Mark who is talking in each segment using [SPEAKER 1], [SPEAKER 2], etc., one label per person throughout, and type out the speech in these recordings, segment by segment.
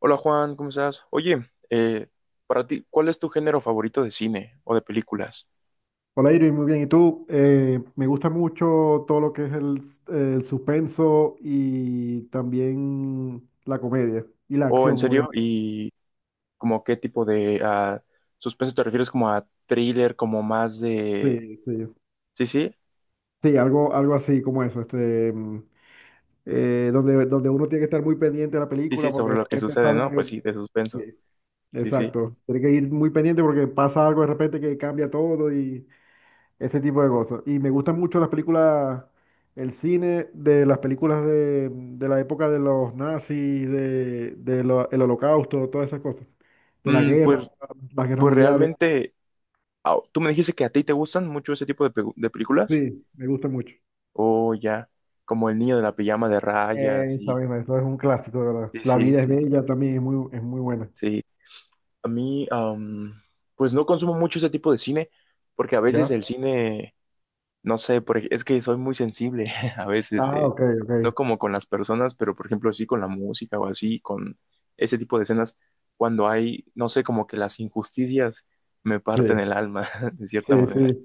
[SPEAKER 1] Hola Juan, ¿cómo estás? Oye, para ti, ¿cuál es tu género favorito de cine o de películas?
[SPEAKER 2] Hola Irving, muy bien. ¿Y tú? Me gusta mucho todo lo que es el suspenso y también la comedia y la
[SPEAKER 1] O en
[SPEAKER 2] acción,
[SPEAKER 1] serio,
[SPEAKER 2] obviamente.
[SPEAKER 1] ¿y como qué tipo de suspenso te refieres? ¿Como a thriller, como más de...
[SPEAKER 2] Sí, sí.
[SPEAKER 1] Sí, sí,
[SPEAKER 2] Sí, algo así como eso, donde uno tiene que estar muy pendiente de la
[SPEAKER 1] sí, sí,
[SPEAKER 2] película porque
[SPEAKER 1] sobre
[SPEAKER 2] de
[SPEAKER 1] lo que
[SPEAKER 2] repente
[SPEAKER 1] sucede, ¿no?
[SPEAKER 2] sale.
[SPEAKER 1] Pues sí, de
[SPEAKER 2] Sí,
[SPEAKER 1] suspenso, sí, sí.
[SPEAKER 2] exacto. Tiene que ir muy pendiente porque pasa algo de repente que cambia todo. Y, Ese tipo de cosas. Y me gustan mucho las películas, el cine de las películas de la época de los nazis, el holocausto, todas esas cosas. De la
[SPEAKER 1] Mm,
[SPEAKER 2] guerra,
[SPEAKER 1] pues,
[SPEAKER 2] las guerras
[SPEAKER 1] pues
[SPEAKER 2] mundiales.
[SPEAKER 1] realmente, ¿tú me dijiste que a ti te gustan mucho ese tipo de películas?
[SPEAKER 2] Sí, me gusta mucho.
[SPEAKER 1] O ya, como El niño de la pijama de rayas,
[SPEAKER 2] Esa
[SPEAKER 1] y...
[SPEAKER 2] misma, eso es un clásico, de verdad.
[SPEAKER 1] Sí,
[SPEAKER 2] La
[SPEAKER 1] sí,
[SPEAKER 2] vida es
[SPEAKER 1] sí,
[SPEAKER 2] bella también, es muy buena.
[SPEAKER 1] sí. A mí, pues no consumo mucho ese tipo de cine, porque a veces
[SPEAKER 2] ¿Ya?
[SPEAKER 1] el cine, no sé, es que soy muy sensible a veces,
[SPEAKER 2] Ah, ok, ok.
[SPEAKER 1] no como con las personas, pero por ejemplo sí con la música o así, con ese tipo de escenas, cuando hay, no sé, como que las injusticias me parten
[SPEAKER 2] Sí.
[SPEAKER 1] el alma, de cierta
[SPEAKER 2] Sí, sí.
[SPEAKER 1] manera.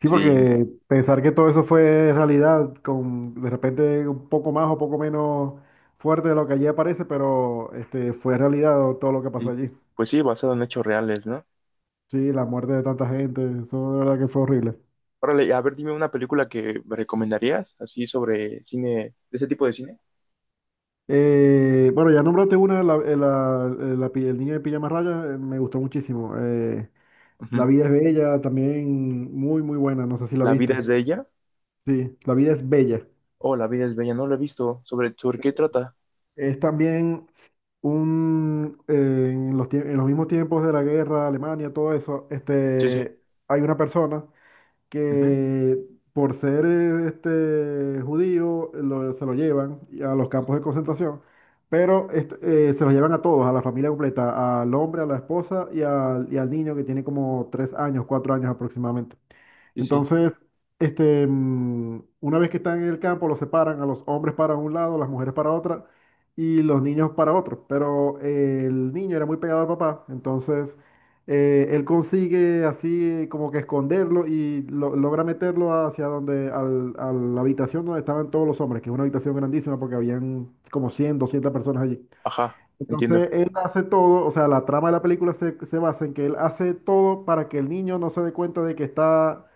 [SPEAKER 2] Sí,
[SPEAKER 1] Sí,
[SPEAKER 2] porque pensar que todo eso fue realidad, con de repente un poco más o poco menos fuerte de lo que allí aparece, pero fue realidad todo lo que pasó
[SPEAKER 1] y,
[SPEAKER 2] allí.
[SPEAKER 1] pues sí, basado en hechos reales, ¿no?
[SPEAKER 2] Sí, la muerte de tanta gente, eso de verdad que fue horrible.
[SPEAKER 1] Órale, a ver, dime una película que me recomendarías, así sobre cine, de ese tipo de cine.
[SPEAKER 2] Bueno, ya nombraste una, el niño de pijama raya, me gustó muchísimo. La
[SPEAKER 1] Ujú.
[SPEAKER 2] vida es bella, también muy, muy buena, no sé si la
[SPEAKER 1] La vida
[SPEAKER 2] viste.
[SPEAKER 1] es de ella.
[SPEAKER 2] Sí, La vida es bella.
[SPEAKER 1] Oh, La vida es bella, no lo he visto. ¿Sobre qué trata?
[SPEAKER 2] Es también un, en en los mismos tiempos de la guerra, Alemania, todo eso,
[SPEAKER 1] Sí, sí.
[SPEAKER 2] hay una persona
[SPEAKER 1] Ujú.
[SPEAKER 2] que por ser judío se lo llevan a los
[SPEAKER 1] Sí, sí.
[SPEAKER 2] campos de concentración, pero se los llevan a todos, a la familia completa, al hombre, a la esposa y al niño que tiene como 3 años, 4 años aproximadamente.
[SPEAKER 1] Sí, sí.
[SPEAKER 2] Entonces, una vez que están en el campo, los separan a los hombres para un lado, las mujeres para otra y los niños para otro. Pero el niño era muy pegado al papá, entonces él consigue así como que esconderlo y logra meterlo hacia a la habitación donde estaban todos los hombres, que es una habitación grandísima porque habían como 100, 200 personas allí.
[SPEAKER 1] Ajá, entiendo.
[SPEAKER 2] Entonces él hace todo, o sea, la trama de la película se basa en que él hace todo para que el niño no se dé cuenta de que está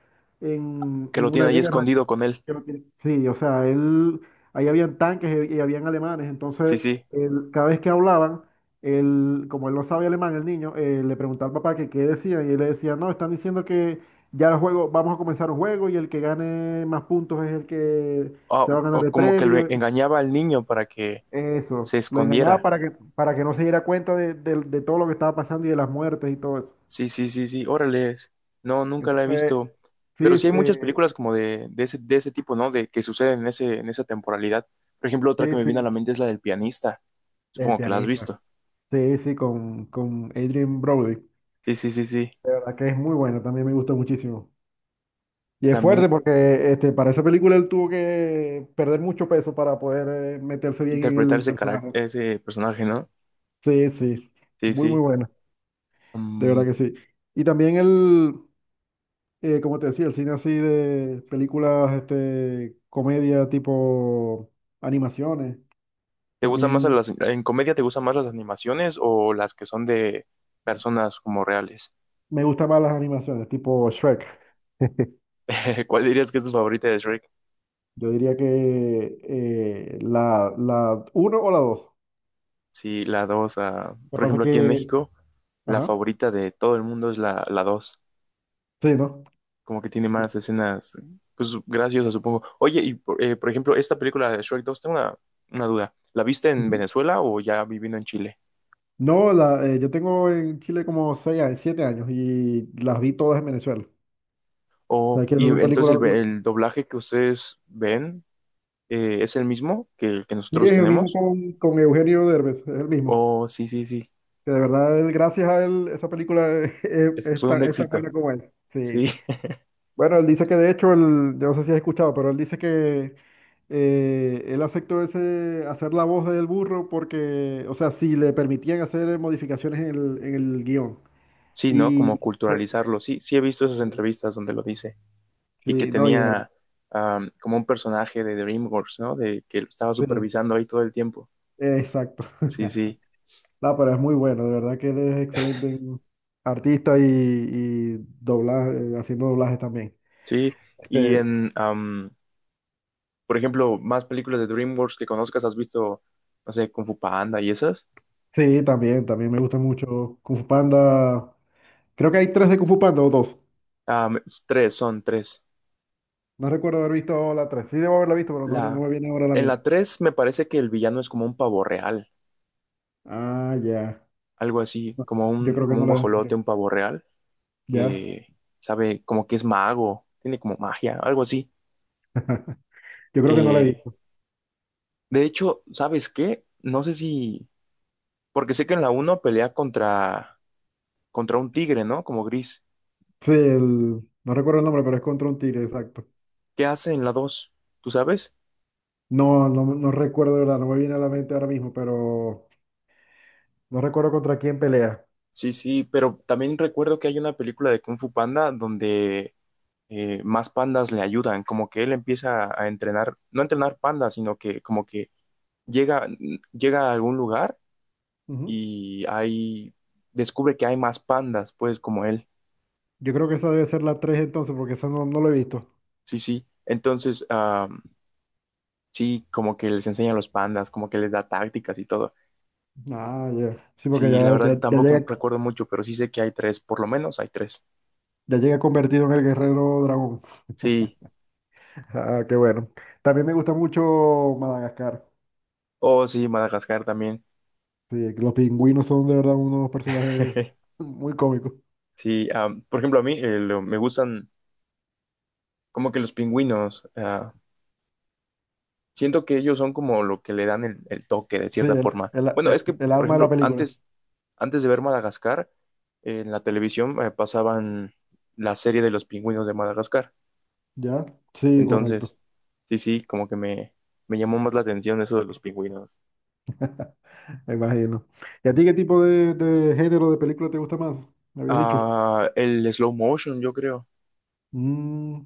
[SPEAKER 1] Que
[SPEAKER 2] en
[SPEAKER 1] lo
[SPEAKER 2] una
[SPEAKER 1] tiene ahí
[SPEAKER 2] guerra.
[SPEAKER 1] escondido con él.
[SPEAKER 2] Que no tiene- Sí, o sea, él, ahí habían tanques y habían alemanes,
[SPEAKER 1] Sí,
[SPEAKER 2] entonces
[SPEAKER 1] sí.
[SPEAKER 2] él, cada vez que hablaban, él, como él no sabía alemán, el niño, le preguntaba al papá que qué decían y él le decía, no, están diciendo que ya el juego, vamos a comenzar un juego y el que gane más puntos es el que se va a
[SPEAKER 1] O,
[SPEAKER 2] ganar
[SPEAKER 1] o
[SPEAKER 2] el
[SPEAKER 1] como que lo
[SPEAKER 2] premio.
[SPEAKER 1] engañaba al niño para que
[SPEAKER 2] Eso,
[SPEAKER 1] se
[SPEAKER 2] lo engañaba
[SPEAKER 1] escondiera.
[SPEAKER 2] para que no se diera cuenta de todo lo que estaba pasando y de las muertes y todo eso.
[SPEAKER 1] Sí, sí, sí, sí. Órale. No, nunca la he
[SPEAKER 2] Entonces,
[SPEAKER 1] visto.
[SPEAKER 2] sí,
[SPEAKER 1] Pero sí
[SPEAKER 2] es,
[SPEAKER 1] hay muchas
[SPEAKER 2] eh,
[SPEAKER 1] películas como de ese tipo, ¿no? De que suceden en ese, en esa temporalidad. Por ejemplo, otra que
[SPEAKER 2] sí,
[SPEAKER 1] me viene a
[SPEAKER 2] sí,
[SPEAKER 1] la mente es la del pianista.
[SPEAKER 2] el
[SPEAKER 1] Supongo que la has
[SPEAKER 2] pianista.
[SPEAKER 1] visto.
[SPEAKER 2] Sí, sí, con Adrien Brody.
[SPEAKER 1] Sí, sí, sí, sí.
[SPEAKER 2] De verdad que es muy bueno, también me gustó muchísimo. Y es
[SPEAKER 1] También
[SPEAKER 2] fuerte porque para esa película él tuvo que perder mucho peso para poder meterse bien en
[SPEAKER 1] interpretar
[SPEAKER 2] el
[SPEAKER 1] ese carac-
[SPEAKER 2] personaje.
[SPEAKER 1] ese personaje, ¿no?
[SPEAKER 2] Sí, sí,
[SPEAKER 1] Sí,
[SPEAKER 2] muy, muy
[SPEAKER 1] sí.
[SPEAKER 2] buena, de verdad
[SPEAKER 1] Mm,
[SPEAKER 2] que sí. Y también el, como te decía, el cine así de películas, comedia tipo animaciones.
[SPEAKER 1] ¿Te gustan más
[SPEAKER 2] También
[SPEAKER 1] las, en comedia te gustan más las animaciones o las que son de personas como reales?
[SPEAKER 2] me gustan más las animaciones, tipo Shrek.
[SPEAKER 1] ¿Cuál dirías que es tu favorita de Shrek?
[SPEAKER 2] Yo diría que la uno o la dos.
[SPEAKER 1] Sí, la 2.
[SPEAKER 2] Lo que
[SPEAKER 1] Por
[SPEAKER 2] pasa
[SPEAKER 1] ejemplo, aquí en
[SPEAKER 2] que,
[SPEAKER 1] México, la
[SPEAKER 2] ajá,
[SPEAKER 1] favorita de todo el mundo es la 2.
[SPEAKER 2] sí, ¿no?
[SPEAKER 1] Como que tiene más escenas, pues graciosas, supongo. Oye, y por ejemplo, esta película de Shrek 2 tengo una duda, ¿la viste en
[SPEAKER 2] Ujú.
[SPEAKER 1] Venezuela o ya viviendo en Chile?
[SPEAKER 2] No, yo tengo en Chile como seis, 7 años y las vi todas en Venezuela. O sea,
[SPEAKER 1] O,
[SPEAKER 2] que esas
[SPEAKER 1] y
[SPEAKER 2] son
[SPEAKER 1] entonces
[SPEAKER 2] películas.
[SPEAKER 1] el doblaje que ustedes ven, es el mismo que el que
[SPEAKER 2] Sí, es
[SPEAKER 1] nosotros
[SPEAKER 2] el mismo
[SPEAKER 1] tenemos.
[SPEAKER 2] con Eugenio Derbez, es el mismo.
[SPEAKER 1] Oh, sí, sí, sí.
[SPEAKER 2] Que de verdad, él, gracias a él, esa película
[SPEAKER 1] Ese fue un
[SPEAKER 2] es tan buena
[SPEAKER 1] éxito.
[SPEAKER 2] como él. Sí.
[SPEAKER 1] Sí,
[SPEAKER 2] Bueno, él dice que de hecho, yo no sé si has escuchado, pero él dice que él aceptó ese, hacer la voz del burro porque, o sea, si le permitían hacer modificaciones en en el guión.
[SPEAKER 1] sí, ¿no?
[SPEAKER 2] Y
[SPEAKER 1] Como
[SPEAKER 2] fue-
[SPEAKER 1] culturalizarlo. Sí, sí he visto esas entrevistas donde lo dice, y que
[SPEAKER 2] sí, no, y de verdad.
[SPEAKER 1] tenía, como un personaje de DreamWorks, ¿no? De que lo estaba
[SPEAKER 2] Sí,
[SPEAKER 1] supervisando ahí todo el tiempo.
[SPEAKER 2] exacto.
[SPEAKER 1] Sí, sí,
[SPEAKER 2] No, pero es muy bueno, de verdad que él es excelente en artista y doblaje, haciendo doblajes también.
[SPEAKER 1] sí. Y
[SPEAKER 2] Este,
[SPEAKER 1] por ejemplo, más películas de DreamWorks que conozcas, ¿has visto, no sé, Kung Fu Panda y esas?
[SPEAKER 2] Sí, también, también me gusta mucho Kung Fu Panda. Creo que hay tres de Kung Fu Panda o dos.
[SPEAKER 1] Es tres, son tres.
[SPEAKER 2] No recuerdo haber visto la tres. Sí, debo haberla visto, pero no, no
[SPEAKER 1] La,
[SPEAKER 2] me viene ahora a la
[SPEAKER 1] en la
[SPEAKER 2] mente.
[SPEAKER 1] tres me parece que el villano es como un pavo real,
[SPEAKER 2] Ah, ya.
[SPEAKER 1] algo así,
[SPEAKER 2] No,
[SPEAKER 1] como
[SPEAKER 2] yo
[SPEAKER 1] un,
[SPEAKER 2] creo que
[SPEAKER 1] como
[SPEAKER 2] no
[SPEAKER 1] un
[SPEAKER 2] la.
[SPEAKER 1] guajolote,
[SPEAKER 2] Ya.
[SPEAKER 1] un pavo real.
[SPEAKER 2] Ya.
[SPEAKER 1] Que sabe como que es mago, tiene como magia, algo así.
[SPEAKER 2] Yo creo que no la he
[SPEAKER 1] Eh,
[SPEAKER 2] visto.
[SPEAKER 1] de hecho, ¿sabes qué? No sé si, porque sé que en la uno pelea contra un tigre, ¿no? Como gris.
[SPEAKER 2] Sí, el, no recuerdo el nombre, pero es contra un tigre, exacto.
[SPEAKER 1] ¿Qué hace en la dos? ¿Tú sabes?
[SPEAKER 2] No, no, no recuerdo, de verdad, no me viene a la mente ahora mismo, pero no recuerdo contra quién pelea.
[SPEAKER 1] Sí, sí, pero también recuerdo que hay una película de Kung Fu Panda donde, más pandas le ayudan, como que él empieza a entrenar, no a entrenar pandas, sino que como que llega, llega a algún lugar
[SPEAKER 2] Ujú.
[SPEAKER 1] y ahí descubre que hay más pandas, pues como él.
[SPEAKER 2] Yo creo que esa debe ser la tres entonces, porque esa no, no la he visto.
[SPEAKER 1] Sí, sí. Entonces, sí, como que les enseña a los pandas, como que les da tácticas y todo.
[SPEAKER 2] Ah, ya. Sí, porque
[SPEAKER 1] Sí, la
[SPEAKER 2] ya, ya,
[SPEAKER 1] verdad tampoco recuerdo mucho, pero sí sé que hay tres, por lo menos hay tres.
[SPEAKER 2] ya llega convertido en el guerrero dragón.
[SPEAKER 1] Sí.
[SPEAKER 2] Ah, qué bueno. También me gusta mucho Madagascar.
[SPEAKER 1] Oh, sí, Madagascar también.
[SPEAKER 2] Sí, los pingüinos son de verdad unos personajes muy cómicos.
[SPEAKER 1] Sí, por ejemplo, a mí, me gustan como que los pingüinos. Siento que ellos son como lo que le dan el toque de
[SPEAKER 2] Sí,
[SPEAKER 1] cierta forma. Bueno, es que,
[SPEAKER 2] el
[SPEAKER 1] por
[SPEAKER 2] alma de la
[SPEAKER 1] ejemplo,
[SPEAKER 2] película.
[SPEAKER 1] antes de ver Madagascar, en la televisión, pasaban la serie de los pingüinos de Madagascar.
[SPEAKER 2] ¿Ya? Sí, correcto.
[SPEAKER 1] Entonces, sí, sí, como que me llamó más la atención eso de los pingüinos.
[SPEAKER 2] Me imagino. ¿Y a ti qué tipo de género de película te gusta más? Me habías dicho.
[SPEAKER 1] El slow motion, yo creo.
[SPEAKER 2] Mm,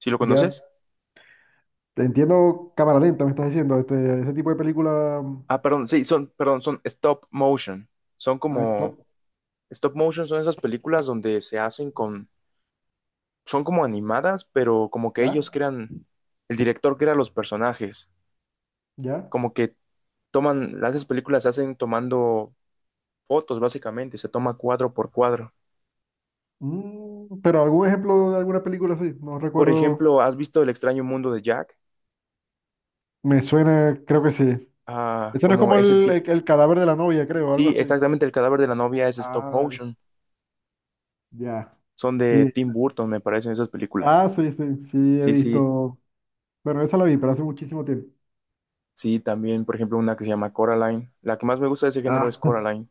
[SPEAKER 1] ¿Sí lo
[SPEAKER 2] ya.
[SPEAKER 1] conoces?
[SPEAKER 2] Entiendo cámara lenta, me estás diciendo. Este, ese tipo de película
[SPEAKER 1] Perdón, sí, son, perdón, son stop motion. Son
[SPEAKER 2] a
[SPEAKER 1] como
[SPEAKER 2] stop.
[SPEAKER 1] stop motion, son esas películas donde se hacen con, son como animadas, pero como que
[SPEAKER 2] ¿Ya?
[SPEAKER 1] ellos crean, el director crea los personajes.
[SPEAKER 2] ¿Ya?
[SPEAKER 1] Como que toman, las películas se hacen tomando fotos, básicamente, se toma cuadro por cuadro.
[SPEAKER 2] Pero algún ejemplo de alguna película así. No
[SPEAKER 1] Por
[SPEAKER 2] recuerdo.
[SPEAKER 1] ejemplo, ¿has visto El extraño mundo de Jack?
[SPEAKER 2] Me suena, creo que sí.
[SPEAKER 1] Ah,
[SPEAKER 2] Ese no es
[SPEAKER 1] como
[SPEAKER 2] como
[SPEAKER 1] ese tipo.
[SPEAKER 2] el cadáver de la novia, creo, algo
[SPEAKER 1] Sí,
[SPEAKER 2] así.
[SPEAKER 1] exactamente, el cadáver de la novia es stop
[SPEAKER 2] Ah,
[SPEAKER 1] motion.
[SPEAKER 2] ya.
[SPEAKER 1] Son de
[SPEAKER 2] Sí.
[SPEAKER 1] Tim Burton, me parecen esas películas.
[SPEAKER 2] Ah, sí, sí, sí, he
[SPEAKER 1] Sí, sí,
[SPEAKER 2] visto. Bueno, esa la vi, pero hace muchísimo tiempo.
[SPEAKER 1] sí, también, por ejemplo, una que se llama Coraline. La que más me gusta de ese género es
[SPEAKER 2] Ah,
[SPEAKER 1] Coraline.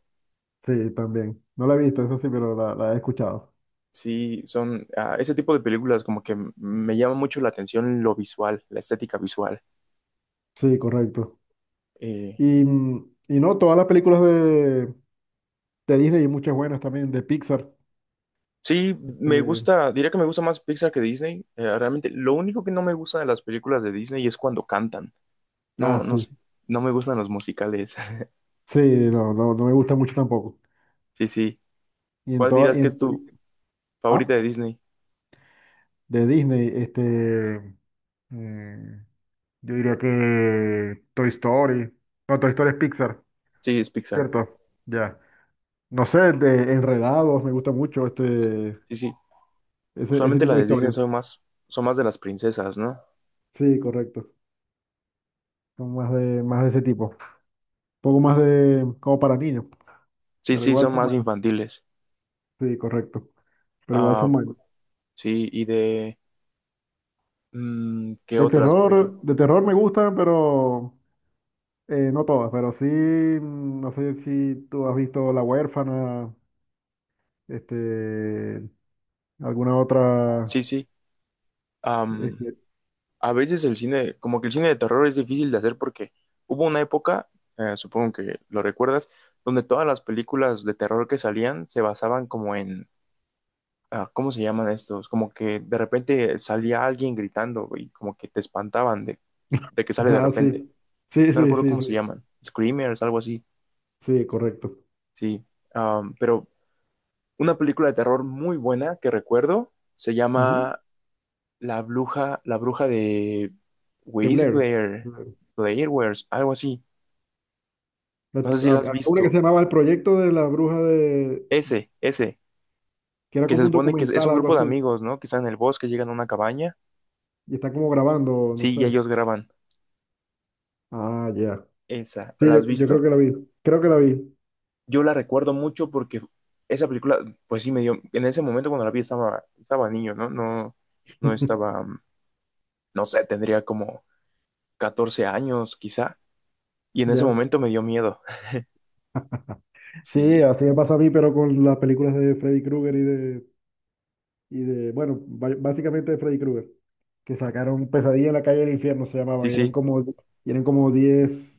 [SPEAKER 2] sí, también. No la he visto, esa sí, pero la he escuchado.
[SPEAKER 1] Sí, son, ese tipo de películas como que me llama mucho la atención lo visual, la estética visual.
[SPEAKER 2] Sí, correcto.
[SPEAKER 1] Eh,
[SPEAKER 2] Y no, todas las películas de Disney y muchas buenas también, de Pixar.
[SPEAKER 1] sí, me
[SPEAKER 2] Eh,
[SPEAKER 1] gusta, diría que me gusta más Pixar que Disney. Realmente, lo único que no me gusta de las películas de Disney es cuando cantan. No, no
[SPEAKER 2] sí.
[SPEAKER 1] sé, no me gustan los musicales.
[SPEAKER 2] Sí, no, no, no me gusta mucho tampoco.
[SPEAKER 1] Sí, sí.
[SPEAKER 2] Y en
[SPEAKER 1] ¿Cuál
[SPEAKER 2] todas,
[SPEAKER 1] dirás que es tu
[SPEAKER 2] y
[SPEAKER 1] favorita
[SPEAKER 2] ah,
[SPEAKER 1] de Disney?
[SPEAKER 2] de Disney, mm, yo diría que Toy Story. No, Toy Story es Pixar,
[SPEAKER 1] Sí, es Pixar.
[SPEAKER 2] ¿cierto? Ya. No sé, de Enredados, me gusta mucho
[SPEAKER 1] Sí, sí.
[SPEAKER 2] ese
[SPEAKER 1] Usualmente
[SPEAKER 2] tipo
[SPEAKER 1] las
[SPEAKER 2] de
[SPEAKER 1] de Disney
[SPEAKER 2] historias.
[SPEAKER 1] son más, de las princesas, ¿no?
[SPEAKER 2] Sí, correcto. Son más de ese tipo. Un poco más de, como para niños,
[SPEAKER 1] Sí,
[SPEAKER 2] pero
[SPEAKER 1] sí,
[SPEAKER 2] igual
[SPEAKER 1] son
[SPEAKER 2] son
[SPEAKER 1] más
[SPEAKER 2] buenos.
[SPEAKER 1] infantiles.
[SPEAKER 2] Sí, correcto. Pero igual
[SPEAKER 1] Ah,
[SPEAKER 2] son buenos.
[SPEAKER 1] sí, y de... ¿qué otras, por ejemplo?
[SPEAKER 2] De terror me gustan, pero no todas. Pero sí, no sé si tú has visto La Huérfana, este, alguna otra.
[SPEAKER 1] Sí, sí. Am,
[SPEAKER 2] este,
[SPEAKER 1] a veces el cine, como que el cine de terror es difícil de hacer porque hubo una época, supongo que lo recuerdas, donde todas las películas de terror que salían se basaban como en... ¿Cómo se llaman estos? Como que de repente salía alguien gritando y como que te espantaban de que sale de
[SPEAKER 2] Ah, sí.
[SPEAKER 1] repente.
[SPEAKER 2] Sí,
[SPEAKER 1] No
[SPEAKER 2] sí,
[SPEAKER 1] recuerdo
[SPEAKER 2] sí,
[SPEAKER 1] cómo
[SPEAKER 2] sí.
[SPEAKER 1] se llaman. Screamers, algo así.
[SPEAKER 2] Sí, correcto.
[SPEAKER 1] Sí. Pero una película de terror muy buena que recuerdo se
[SPEAKER 2] Ujú.
[SPEAKER 1] llama La Bruja de
[SPEAKER 2] De Blair.
[SPEAKER 1] Blair,
[SPEAKER 2] Blair.
[SPEAKER 1] Blair Witch, algo así. No sé si la has
[SPEAKER 2] Había una
[SPEAKER 1] visto.
[SPEAKER 2] que se llamaba El Proyecto de la Bruja de...
[SPEAKER 1] Ese,
[SPEAKER 2] que era
[SPEAKER 1] que se
[SPEAKER 2] como un
[SPEAKER 1] supone que es
[SPEAKER 2] documental,
[SPEAKER 1] un
[SPEAKER 2] algo
[SPEAKER 1] grupo de
[SPEAKER 2] así.
[SPEAKER 1] amigos, ¿no? Que están en el bosque, llegan a una cabaña.
[SPEAKER 2] Y está como grabando, no
[SPEAKER 1] Sí, y
[SPEAKER 2] sé.
[SPEAKER 1] ellos graban
[SPEAKER 2] Ah, ya.
[SPEAKER 1] esa.
[SPEAKER 2] Sí,
[SPEAKER 1] ¿La has
[SPEAKER 2] yo creo
[SPEAKER 1] visto?
[SPEAKER 2] que la vi. Creo que la vi.
[SPEAKER 1] Yo la recuerdo mucho porque esa película, pues sí me dio, en ese momento cuando la vi estaba niño, ¿no? No, no estaba, no sé, tendría como 14 años quizá, y en ese
[SPEAKER 2] Ya.
[SPEAKER 1] momento me dio miedo.
[SPEAKER 2] Sí,
[SPEAKER 1] Sí,
[SPEAKER 2] así me pasa a mí, pero con las películas de Freddy Krueger y de... básicamente de Freddy Krueger. Que sacaron Pesadilla en la calle del infierno, se
[SPEAKER 1] sí,
[SPEAKER 2] llamaban.
[SPEAKER 1] sí.
[SPEAKER 2] Y eran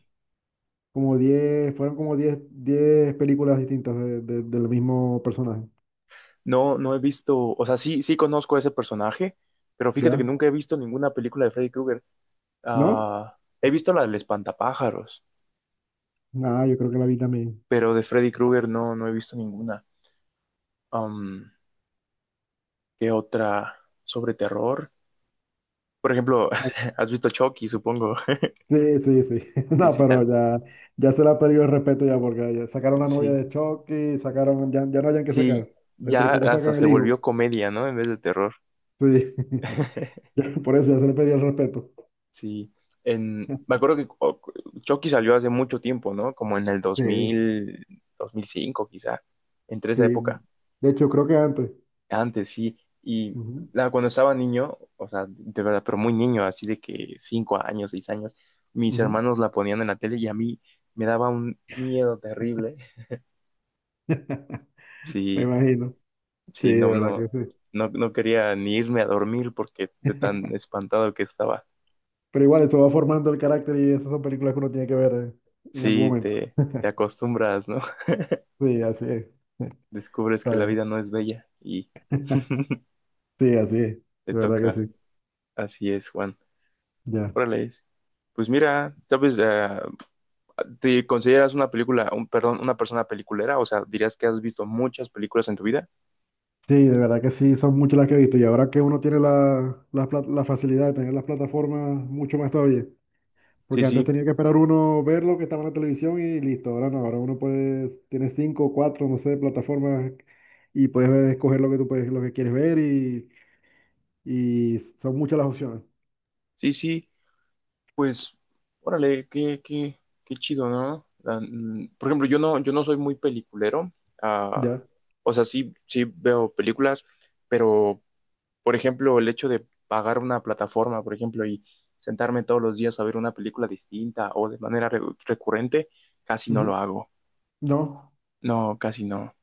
[SPEAKER 2] como 10 fueron como 10 10 películas distintas del mismo personaje.
[SPEAKER 1] No, no he visto, o sea, sí, sí conozco a ese personaje, pero fíjate que
[SPEAKER 2] ¿Ya?
[SPEAKER 1] nunca he visto ninguna película de Freddy Krueger.
[SPEAKER 2] ¿No?
[SPEAKER 1] He visto la del espantapájaros,
[SPEAKER 2] Nada, yo creo que la vi también.
[SPEAKER 1] pero de Freddy Krueger no, no he visto ninguna. Am, ¿Qué otra sobre terror? Por ejemplo,
[SPEAKER 2] Ah,
[SPEAKER 1] has visto Chucky, supongo.
[SPEAKER 2] sí, sí, sí.
[SPEAKER 1] Sí,
[SPEAKER 2] No,
[SPEAKER 1] sí,
[SPEAKER 2] pero ya, ya se le ha perdido el respeto ya porque ya sacaron la novia
[SPEAKER 1] sí.
[SPEAKER 2] de Chucky, sacaron, ya, ya no hayan que sacar.
[SPEAKER 1] Sí,
[SPEAKER 2] Entre
[SPEAKER 1] ya
[SPEAKER 2] poco
[SPEAKER 1] hasta
[SPEAKER 2] sacan
[SPEAKER 1] se
[SPEAKER 2] el
[SPEAKER 1] volvió
[SPEAKER 2] hijo.
[SPEAKER 1] comedia, ¿no? En vez de terror.
[SPEAKER 2] Sí. Ya, por eso ya se le perdió el respeto.
[SPEAKER 1] Sí, me acuerdo que Chucky salió hace mucho tiempo, ¿no? Como en el
[SPEAKER 2] Sí,
[SPEAKER 1] 2000, 2005 quizá, entre esa
[SPEAKER 2] sí.
[SPEAKER 1] época.
[SPEAKER 2] De hecho, creo que antes.
[SPEAKER 1] Antes, sí. Y
[SPEAKER 2] Ujú,
[SPEAKER 1] cuando estaba niño, o sea, de verdad, pero muy niño, así de que 5 años, 6 años, mis
[SPEAKER 2] ujú.
[SPEAKER 1] hermanos la ponían en la tele y a mí me daba un miedo terrible.
[SPEAKER 2] Me
[SPEAKER 1] Sí,
[SPEAKER 2] imagino. Sí,
[SPEAKER 1] sí,
[SPEAKER 2] de
[SPEAKER 1] no,
[SPEAKER 2] verdad
[SPEAKER 1] no,
[SPEAKER 2] que
[SPEAKER 1] no, no quería ni irme a dormir porque
[SPEAKER 2] sí.
[SPEAKER 1] de tan espantado que estaba.
[SPEAKER 2] Pero igual eso va formando el carácter y esas son películas que uno tiene que ver en algún
[SPEAKER 1] Sí,
[SPEAKER 2] momento.
[SPEAKER 1] te acostumbras, ¿no?
[SPEAKER 2] Sí, así es.
[SPEAKER 1] Descubres
[SPEAKER 2] Está
[SPEAKER 1] que la
[SPEAKER 2] bien.
[SPEAKER 1] vida no es bella y
[SPEAKER 2] Sí, así es.
[SPEAKER 1] te
[SPEAKER 2] De verdad que
[SPEAKER 1] toca.
[SPEAKER 2] sí.
[SPEAKER 1] Así es, Juan.
[SPEAKER 2] Ya.
[SPEAKER 1] Órale es. Pues mira, sabes, ¿te consideras una película, un, perdón, una persona peliculera? O sea, dirías que has visto muchas películas en tu vida.
[SPEAKER 2] Sí, de verdad que sí, son muchas las que he visto. Y ahora que uno tiene la facilidad de tener las plataformas, mucho más todavía.
[SPEAKER 1] Sí,
[SPEAKER 2] Porque antes
[SPEAKER 1] sí,
[SPEAKER 2] tenía que esperar uno ver lo que estaba en la televisión y listo. Ahora no, ahora uno puede, tiene cinco, cuatro, no sé, plataformas y escoger lo que tú puedes, lo que quieres ver y son muchas las opciones.
[SPEAKER 1] sí, sí. Pues, órale, qué chido, ¿no? Por ejemplo, yo no soy muy peliculero. Ah,
[SPEAKER 2] Ya.
[SPEAKER 1] o sea, sí, sí veo películas, pero por ejemplo, el hecho de pagar una plataforma, por ejemplo, y sentarme todos los días a ver una película distinta o de manera recurrente, casi no
[SPEAKER 2] Ujú.
[SPEAKER 1] lo hago.
[SPEAKER 2] No.
[SPEAKER 1] No, casi no.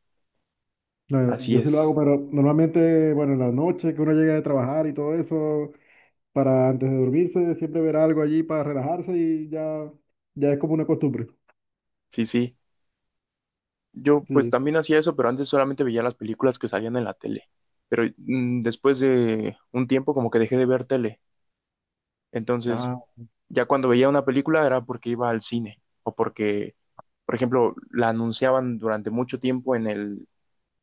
[SPEAKER 2] No,
[SPEAKER 1] Así
[SPEAKER 2] yo sí lo hago,
[SPEAKER 1] es.
[SPEAKER 2] pero normalmente, bueno, en la noche que uno llega de trabajar y todo eso, para antes de dormirse, siempre ver algo allí para relajarse y ya, ya es como una costumbre.
[SPEAKER 1] Sí, sí. Yo pues
[SPEAKER 2] Sí.
[SPEAKER 1] también hacía eso, pero antes solamente veía las películas que salían en la tele. Pero, después de un tiempo como que dejé de ver tele. Entonces,
[SPEAKER 2] Ah,
[SPEAKER 1] ya cuando veía una película era porque iba al cine o porque, por ejemplo, la anunciaban durante mucho tiempo en el,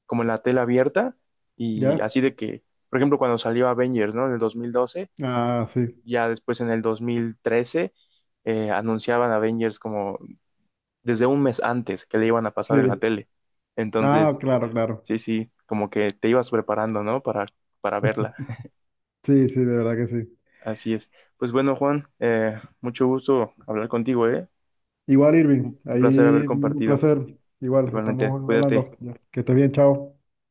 [SPEAKER 1] como en la tela abierta, y
[SPEAKER 2] ¿ya?
[SPEAKER 1] así de que, por ejemplo, cuando salió Avengers, ¿no? En el 2012,
[SPEAKER 2] Ah, sí.
[SPEAKER 1] ya después, en el 2013, anunciaban Avengers como desde un mes antes que le iban a pasar en la
[SPEAKER 2] Sí.
[SPEAKER 1] tele.
[SPEAKER 2] Ah,
[SPEAKER 1] Entonces,
[SPEAKER 2] claro, claro.
[SPEAKER 1] sí, sí, como que te ibas preparando, ¿no? Para verla.
[SPEAKER 2] Sí, sí, de verdad que sí.
[SPEAKER 1] Así es. Pues bueno, Juan, mucho gusto hablar contigo, ¿eh?
[SPEAKER 2] Igual, Irving,
[SPEAKER 1] Un placer haber
[SPEAKER 2] ahí un
[SPEAKER 1] compartido.
[SPEAKER 2] placer. Igual,
[SPEAKER 1] Igualmente,
[SPEAKER 2] estamos
[SPEAKER 1] cuídate.
[SPEAKER 2] hablando. Ya, que estés bien, chao.